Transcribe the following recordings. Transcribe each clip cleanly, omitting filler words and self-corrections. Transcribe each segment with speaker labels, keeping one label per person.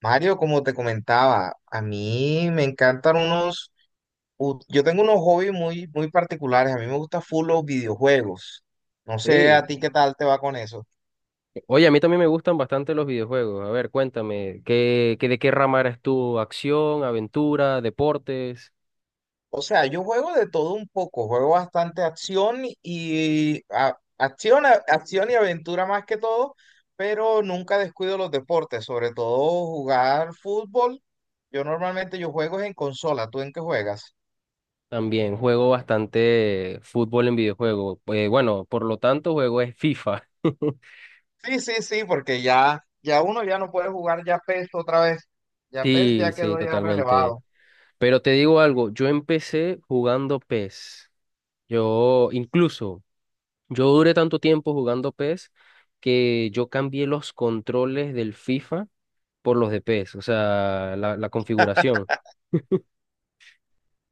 Speaker 1: Mario, como te comentaba, a mí me encantan yo tengo unos hobbies muy, muy particulares. A mí me gusta full los videojuegos. No sé
Speaker 2: Sí.
Speaker 1: a ti qué tal te va con eso.
Speaker 2: Oye, a mí también me gustan bastante los videojuegos. A ver, cuéntame, de qué rama eres tú? ¿Acción, aventura, deportes?
Speaker 1: O sea, yo juego de todo un poco, juego bastante acción y acción y aventura más que todo, pero nunca descuido los deportes, sobre todo jugar fútbol. Yo normalmente yo juego en consola, ¿tú en qué juegas?
Speaker 2: También juego bastante fútbol en videojuego. Bueno, por lo tanto, juego es FIFA.
Speaker 1: Sí, sí, sí, porque ya uno ya no puede jugar ya PES otra vez. Ya PES
Speaker 2: Sí,
Speaker 1: ya
Speaker 2: sí,
Speaker 1: quedó ya
Speaker 2: totalmente.
Speaker 1: relevado.
Speaker 2: Pero te digo algo, yo empecé jugando PES. Yo incluso, yo duré tanto tiempo jugando PES que yo cambié los controles del FIFA por los de PES, o sea, la configuración.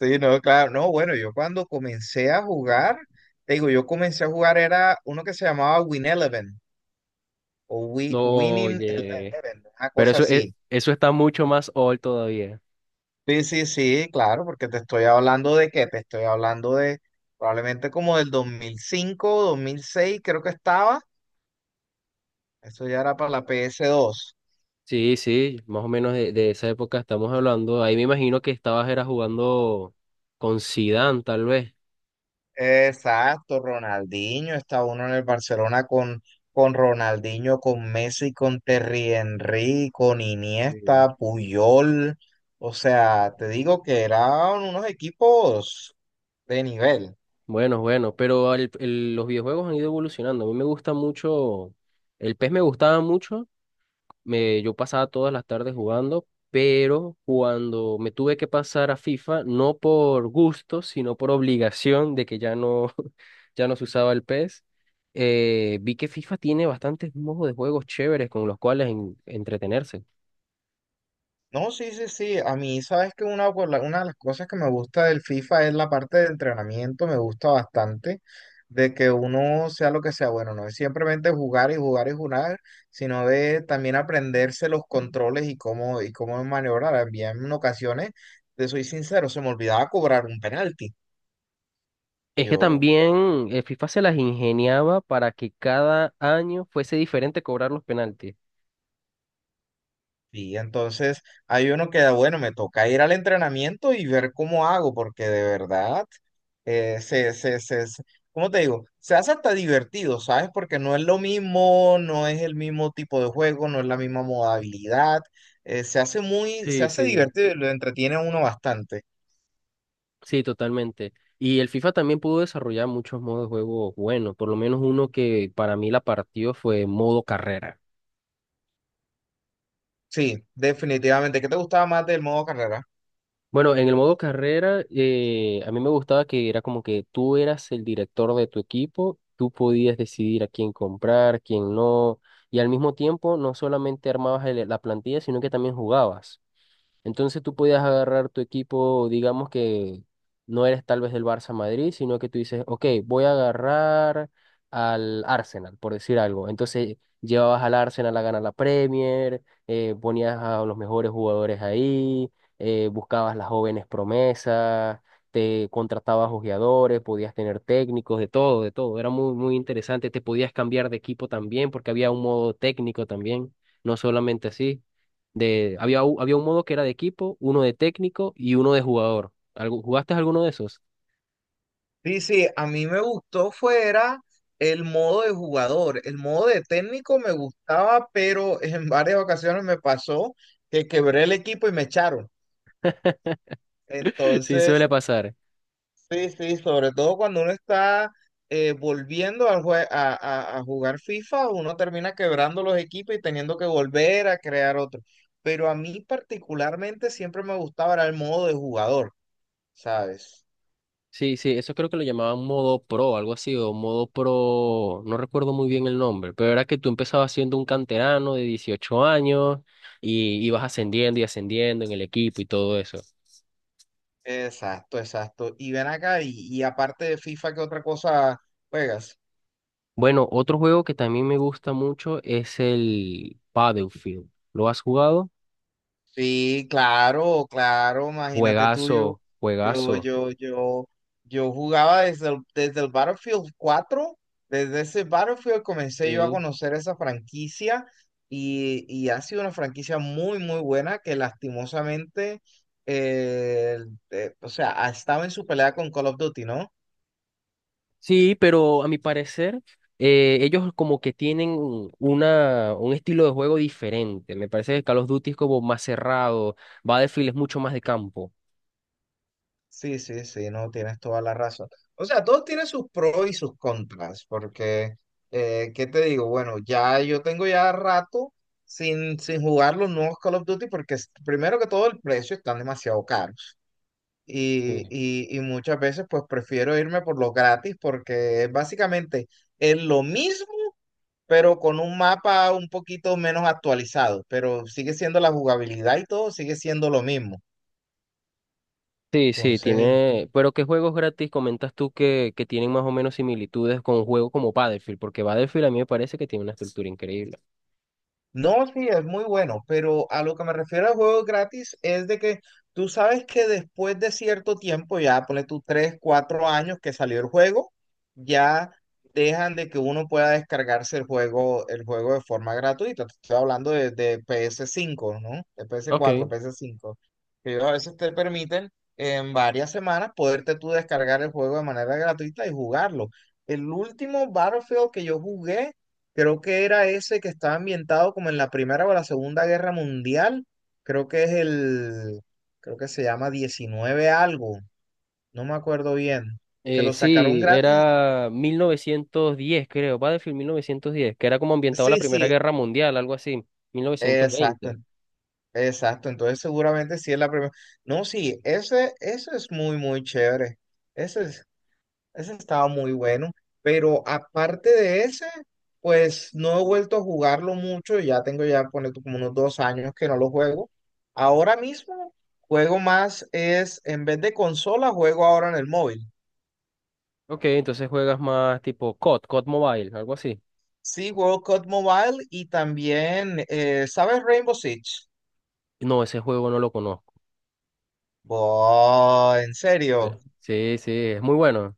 Speaker 1: Sí, no, claro, no, bueno, yo cuando comencé a jugar, te digo, yo comencé a jugar era uno que se llamaba Win Eleven o
Speaker 2: No,
Speaker 1: Winning
Speaker 2: oye,
Speaker 1: Eleven, una
Speaker 2: pero
Speaker 1: cosa
Speaker 2: eso,
Speaker 1: así.
Speaker 2: eso está mucho más old todavía.
Speaker 1: Sí, sí, sí, claro, porque te estoy hablando de qué, te estoy hablando de probablemente como del 2005, 2006, creo que estaba. Eso ya era para la PS2.
Speaker 2: Sí, sí, más o menos de esa época estamos hablando. Ahí me imagino que estabas era jugando con Zidane, tal vez.
Speaker 1: Exacto, Ronaldinho. Está uno en el Barcelona con Ronaldinho, con Messi, con Terry Henry, con
Speaker 2: Sí.
Speaker 1: Iniesta, Puyol. O sea, te digo que eran unos equipos de nivel.
Speaker 2: Bueno, pero los videojuegos han ido evolucionando. A mí me gusta mucho, el PES me gustaba mucho, yo pasaba todas las tardes jugando, pero cuando me tuve que pasar a FIFA, no por gusto, sino por obligación de que ya no, ya no se usaba el PES, vi que FIFA tiene bastantes modos de juegos chéveres con los cuales entretenerse.
Speaker 1: No, sí, sí, sí. A mí, sabes que una, una de las cosas que me gusta del FIFA es la parte de entrenamiento, me gusta bastante, de que uno sea lo que sea, bueno, no es simplemente jugar y jugar y jugar, sino de también aprenderse los controles y cómo maniobrar. Había en ocasiones, te soy sincero, se me olvidaba cobrar un penalti.
Speaker 2: Es que
Speaker 1: Yo,
Speaker 2: también FIFA se las ingeniaba para que cada año fuese diferente cobrar los penaltis.
Speaker 1: sí, entonces hay uno que, bueno, me toca ir al entrenamiento y ver cómo hago, porque de verdad, eh, se, se, se, se- ¿cómo te digo? Se hace hasta divertido, ¿sabes? Porque no es lo mismo, no es el mismo tipo de juego, no es la misma modalidad. Se hace muy, se
Speaker 2: Sí,
Speaker 1: hace
Speaker 2: sí.
Speaker 1: divertido y lo entretiene a uno bastante.
Speaker 2: Sí, totalmente. Y el FIFA también pudo desarrollar muchos modos de juego buenos, por lo menos uno que para mí la partió fue modo carrera.
Speaker 1: Sí, definitivamente. ¿Qué te gustaba más del modo carrera?
Speaker 2: Bueno, en el modo carrera, a mí me gustaba que era como que tú eras el director de tu equipo, tú podías decidir a quién comprar, quién no, y al mismo tiempo no solamente armabas la plantilla, sino que también jugabas. Entonces tú podías agarrar tu equipo, digamos que no eres tal vez del Barça Madrid, sino que tú dices, ok, voy a agarrar al Arsenal, por decir algo. Entonces llevabas al Arsenal a ganar la Premier, ponías a los mejores jugadores ahí, buscabas las jóvenes promesas, te contratabas ojeadores, podías tener técnicos, de todo, de todo. Era muy, muy interesante. Te podías cambiar de equipo también, porque había un modo técnico también, no solamente así. Había, había un modo que era de equipo, uno de técnico y uno de jugador. ¿Jugaste alguno de esos?
Speaker 1: Sí, sí, a mí me gustó fuera el modo de jugador. El modo de técnico me gustaba, pero en varias ocasiones me pasó que quebré el equipo y me echaron.
Speaker 2: Sí, suele
Speaker 1: Entonces,
Speaker 2: pasar.
Speaker 1: sí, sí, sobre todo cuando uno está volviendo al a jugar FIFA, uno termina quebrando los equipos y teniendo que volver a crear otro. Pero a mí particularmente siempre me gustaba era el modo de jugador, ¿sabes?
Speaker 2: Sí, sí, eso creo que lo llamaban modo pro, algo así, o modo pro, no recuerdo muy bien el nombre, pero era que tú empezabas siendo un canterano de 18 años y ibas ascendiendo y ascendiendo en el equipo y todo eso.
Speaker 1: Exacto, exacto. Y ven acá, y aparte de FIFA, ¿qué otra cosa juegas?
Speaker 2: Bueno, otro juego que también me gusta mucho es el Battlefield. ¿Lo has jugado?
Speaker 1: Sí, claro, claro, imagínate tú,
Speaker 2: Juegazo,
Speaker 1: yo,
Speaker 2: juegazo.
Speaker 1: yo, yo, yo jugaba desde el Battlefield 4. Desde ese Battlefield comencé yo a conocer esa franquicia y, ha sido una franquicia muy, muy buena que lastimosamente, eh, o sea, ha estado en su pelea con Call of Duty, ¿no?
Speaker 2: Sí, pero a mi parecer, ellos como que tienen un estilo de juego diferente. Me parece que Call of Duty es como más cerrado, Battlefield es mucho más de campo.
Speaker 1: Sí, sí, sí, no, tienes toda la razón. O sea, todos tienen sus pros y sus contras, porque, ¿qué te digo? Bueno, ya yo tengo ya rato sin jugar los nuevos Call of Duty, porque primero que todo el precio están demasiado caros.
Speaker 2: Sí.
Speaker 1: Y muchas veces pues prefiero irme por los gratis, porque es básicamente es lo mismo, pero con un mapa un poquito menos actualizado, pero sigue siendo la jugabilidad y todo, sigue siendo lo mismo.
Speaker 2: Sí, sí,
Speaker 1: Entonces,
Speaker 2: tiene. Pero ¿qué juegos gratis comentas tú que tienen más o menos similitudes con juegos como Battlefield? Porque Battlefield a mí me parece que tiene una estructura increíble.
Speaker 1: no, sí, es muy bueno, pero a lo que me refiero al juego gratis es de que tú sabes que después de cierto tiempo, ya ponle tú 3, 4 años que salió el juego, ya dejan de que uno pueda descargarse el juego, de forma gratuita. Te estoy hablando de PS5, ¿no? De PS4,
Speaker 2: Ok.
Speaker 1: PS5. Que ellos a veces te permiten en varias semanas poderte tú descargar el juego de manera gratuita y jugarlo. El último Battlefield que yo jugué creo que era ese que estaba ambientado como en la Primera o la Segunda Guerra Mundial. Creo que es el, creo que se llama 19 algo, no me acuerdo bien. Que lo sacaron
Speaker 2: Sí,
Speaker 1: gratis.
Speaker 2: era 1910 creo. Battlefield 1910, que era como ambientado a la
Speaker 1: Sí,
Speaker 2: Primera
Speaker 1: sí,
Speaker 2: Guerra Mundial, algo así. mil novecientos
Speaker 1: exacto,
Speaker 2: veinte.
Speaker 1: exacto. Entonces seguramente sí es la primera. No, sí, ese, eso es muy, muy chévere. Ese Ese estaba muy bueno, pero aparte de ese, pues no he vuelto a jugarlo mucho, ya tengo ya ponle tú, como unos 2 años que no lo juego. Ahora mismo juego más es, en vez de consola, juego ahora en el móvil.
Speaker 2: Ok, entonces juegas más tipo COD, COD Mobile, algo así.
Speaker 1: Sí, World Cup Mobile y también, ¿sabes Rainbow Six?
Speaker 2: No, ese juego no lo conozco.
Speaker 1: Boh, en
Speaker 2: De-
Speaker 1: serio.
Speaker 2: sí, sí, es muy bueno.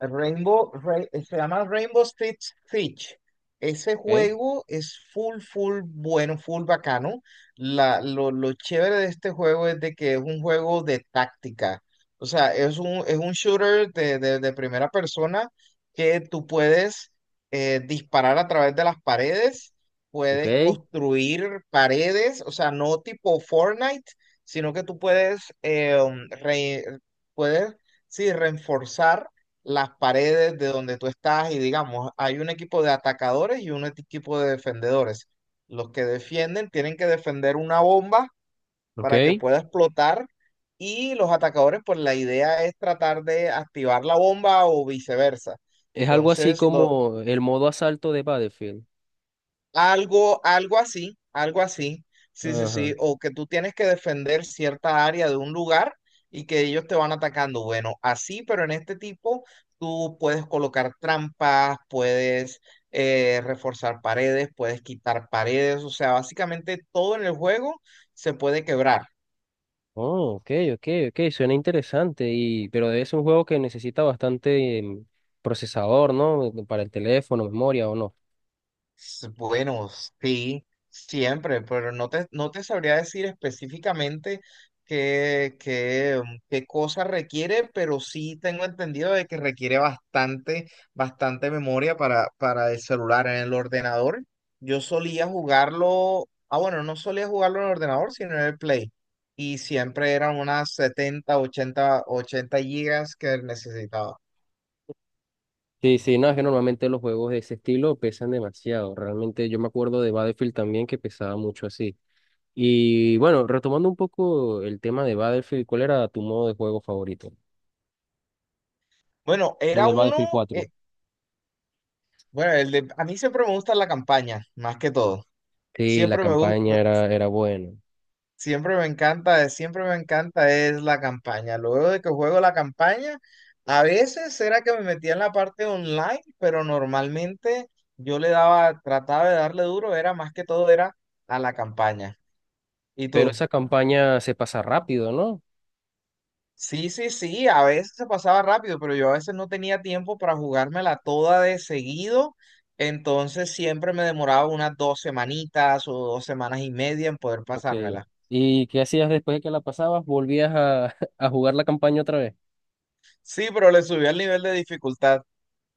Speaker 1: Se llama Rainbow Six Siege. Ese
Speaker 2: Ok,
Speaker 1: juego es full, full bueno, full bacano. Lo chévere de este juego es de que es un juego de táctica. O sea, es un shooter de primera persona que tú puedes disparar a través de las paredes, puedes
Speaker 2: ok,
Speaker 1: construir paredes. O sea, no tipo Fortnite, sino que tú puedes, puedes, sí, reforzar las paredes de donde tú estás. Y digamos, hay un equipo de atacadores y un equipo de defendedores. Los que defienden tienen que defender una bomba para que
Speaker 2: ok.
Speaker 1: pueda explotar, y los atacadores, pues la idea es tratar de activar la bomba o viceversa.
Speaker 2: Es algo así
Speaker 1: Entonces, lo
Speaker 2: como el modo asalto de Battlefield.
Speaker 1: algo, algo así, algo así. Sí, sí,
Speaker 2: Ajá.
Speaker 1: sí. O que tú tienes que defender cierta área de un lugar y que ellos te van atacando. Bueno, así, pero en este tipo tú puedes colocar trampas, puedes reforzar paredes, puedes quitar paredes. O sea, básicamente todo en el juego se puede quebrar.
Speaker 2: Oh, ok, ok, ok, suena interesante. Y, pero es un juego que necesita bastante procesador, ¿no? Para el teléfono, memoria o no.
Speaker 1: Bueno, sí, siempre, pero no te sabría decir específicamente qué cosa requiere, pero sí tengo entendido de que requiere bastante, bastante memoria para el celular. En el ordenador, yo solía jugarlo, ah, bueno, no solía jugarlo en el ordenador, sino en el Play. Y siempre eran unas 70, 80 gigas que necesitaba.
Speaker 2: Sí, sí, no, es que normalmente los juegos de ese estilo pesan demasiado. Realmente yo me acuerdo de Battlefield también que pesaba mucho así. Y bueno, retomando un poco el tema de Battlefield, ¿cuál era tu modo de juego favorito?
Speaker 1: Bueno,
Speaker 2: En
Speaker 1: era
Speaker 2: el
Speaker 1: uno,
Speaker 2: Battlefield
Speaker 1: eh,
Speaker 2: 4.
Speaker 1: bueno, el de, a mí siempre me gusta la campaña, más que todo.
Speaker 2: Sí, la
Speaker 1: Siempre me
Speaker 2: campaña
Speaker 1: gusta,
Speaker 2: era, era buena,
Speaker 1: siempre me encanta es la campaña. Luego de que juego la campaña, a veces era que me metía en la parte online, pero normalmente yo le daba, trataba de darle duro, era más que todo era a la campaña. ¿Y
Speaker 2: pero
Speaker 1: tú?
Speaker 2: esa campaña se pasa rápido, ¿no?
Speaker 1: Sí, sí, sí, a veces se pasaba rápido, pero yo a veces no tenía tiempo para jugármela toda de seguido, entonces siempre me demoraba unas dos semanitas o 2 semanas y media en poder
Speaker 2: Ok.
Speaker 1: pasármela.
Speaker 2: ¿Y qué hacías después de que la pasabas? ¿Volvías a, a jugar la campaña otra vez?
Speaker 1: Sí, pero le subí el nivel de dificultad.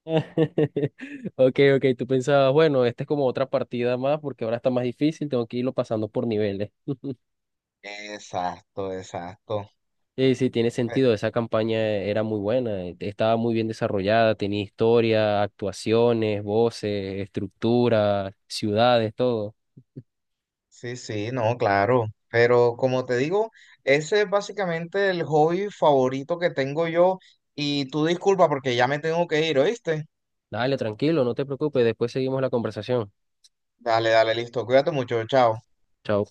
Speaker 2: Ok, ok, tú pensabas, bueno, esta es como otra partida más porque ahora está más difícil, tengo que irlo pasando por niveles.
Speaker 1: Exacto, exacto.
Speaker 2: Sí, sí, tiene
Speaker 1: Eh,
Speaker 2: sentido. Esa campaña era muy buena, estaba muy bien desarrollada, tenía historia, actuaciones, voces, estructura, ciudades, todo.
Speaker 1: sí, sí, no, claro. Pero como te digo, ese es básicamente el hobby favorito que tengo yo y tú disculpa porque ya me tengo que ir, ¿oíste?
Speaker 2: Dale, tranquilo, no te preocupes, después seguimos la conversación.
Speaker 1: Dale, dale, listo, cuídate mucho, chao.
Speaker 2: Chao.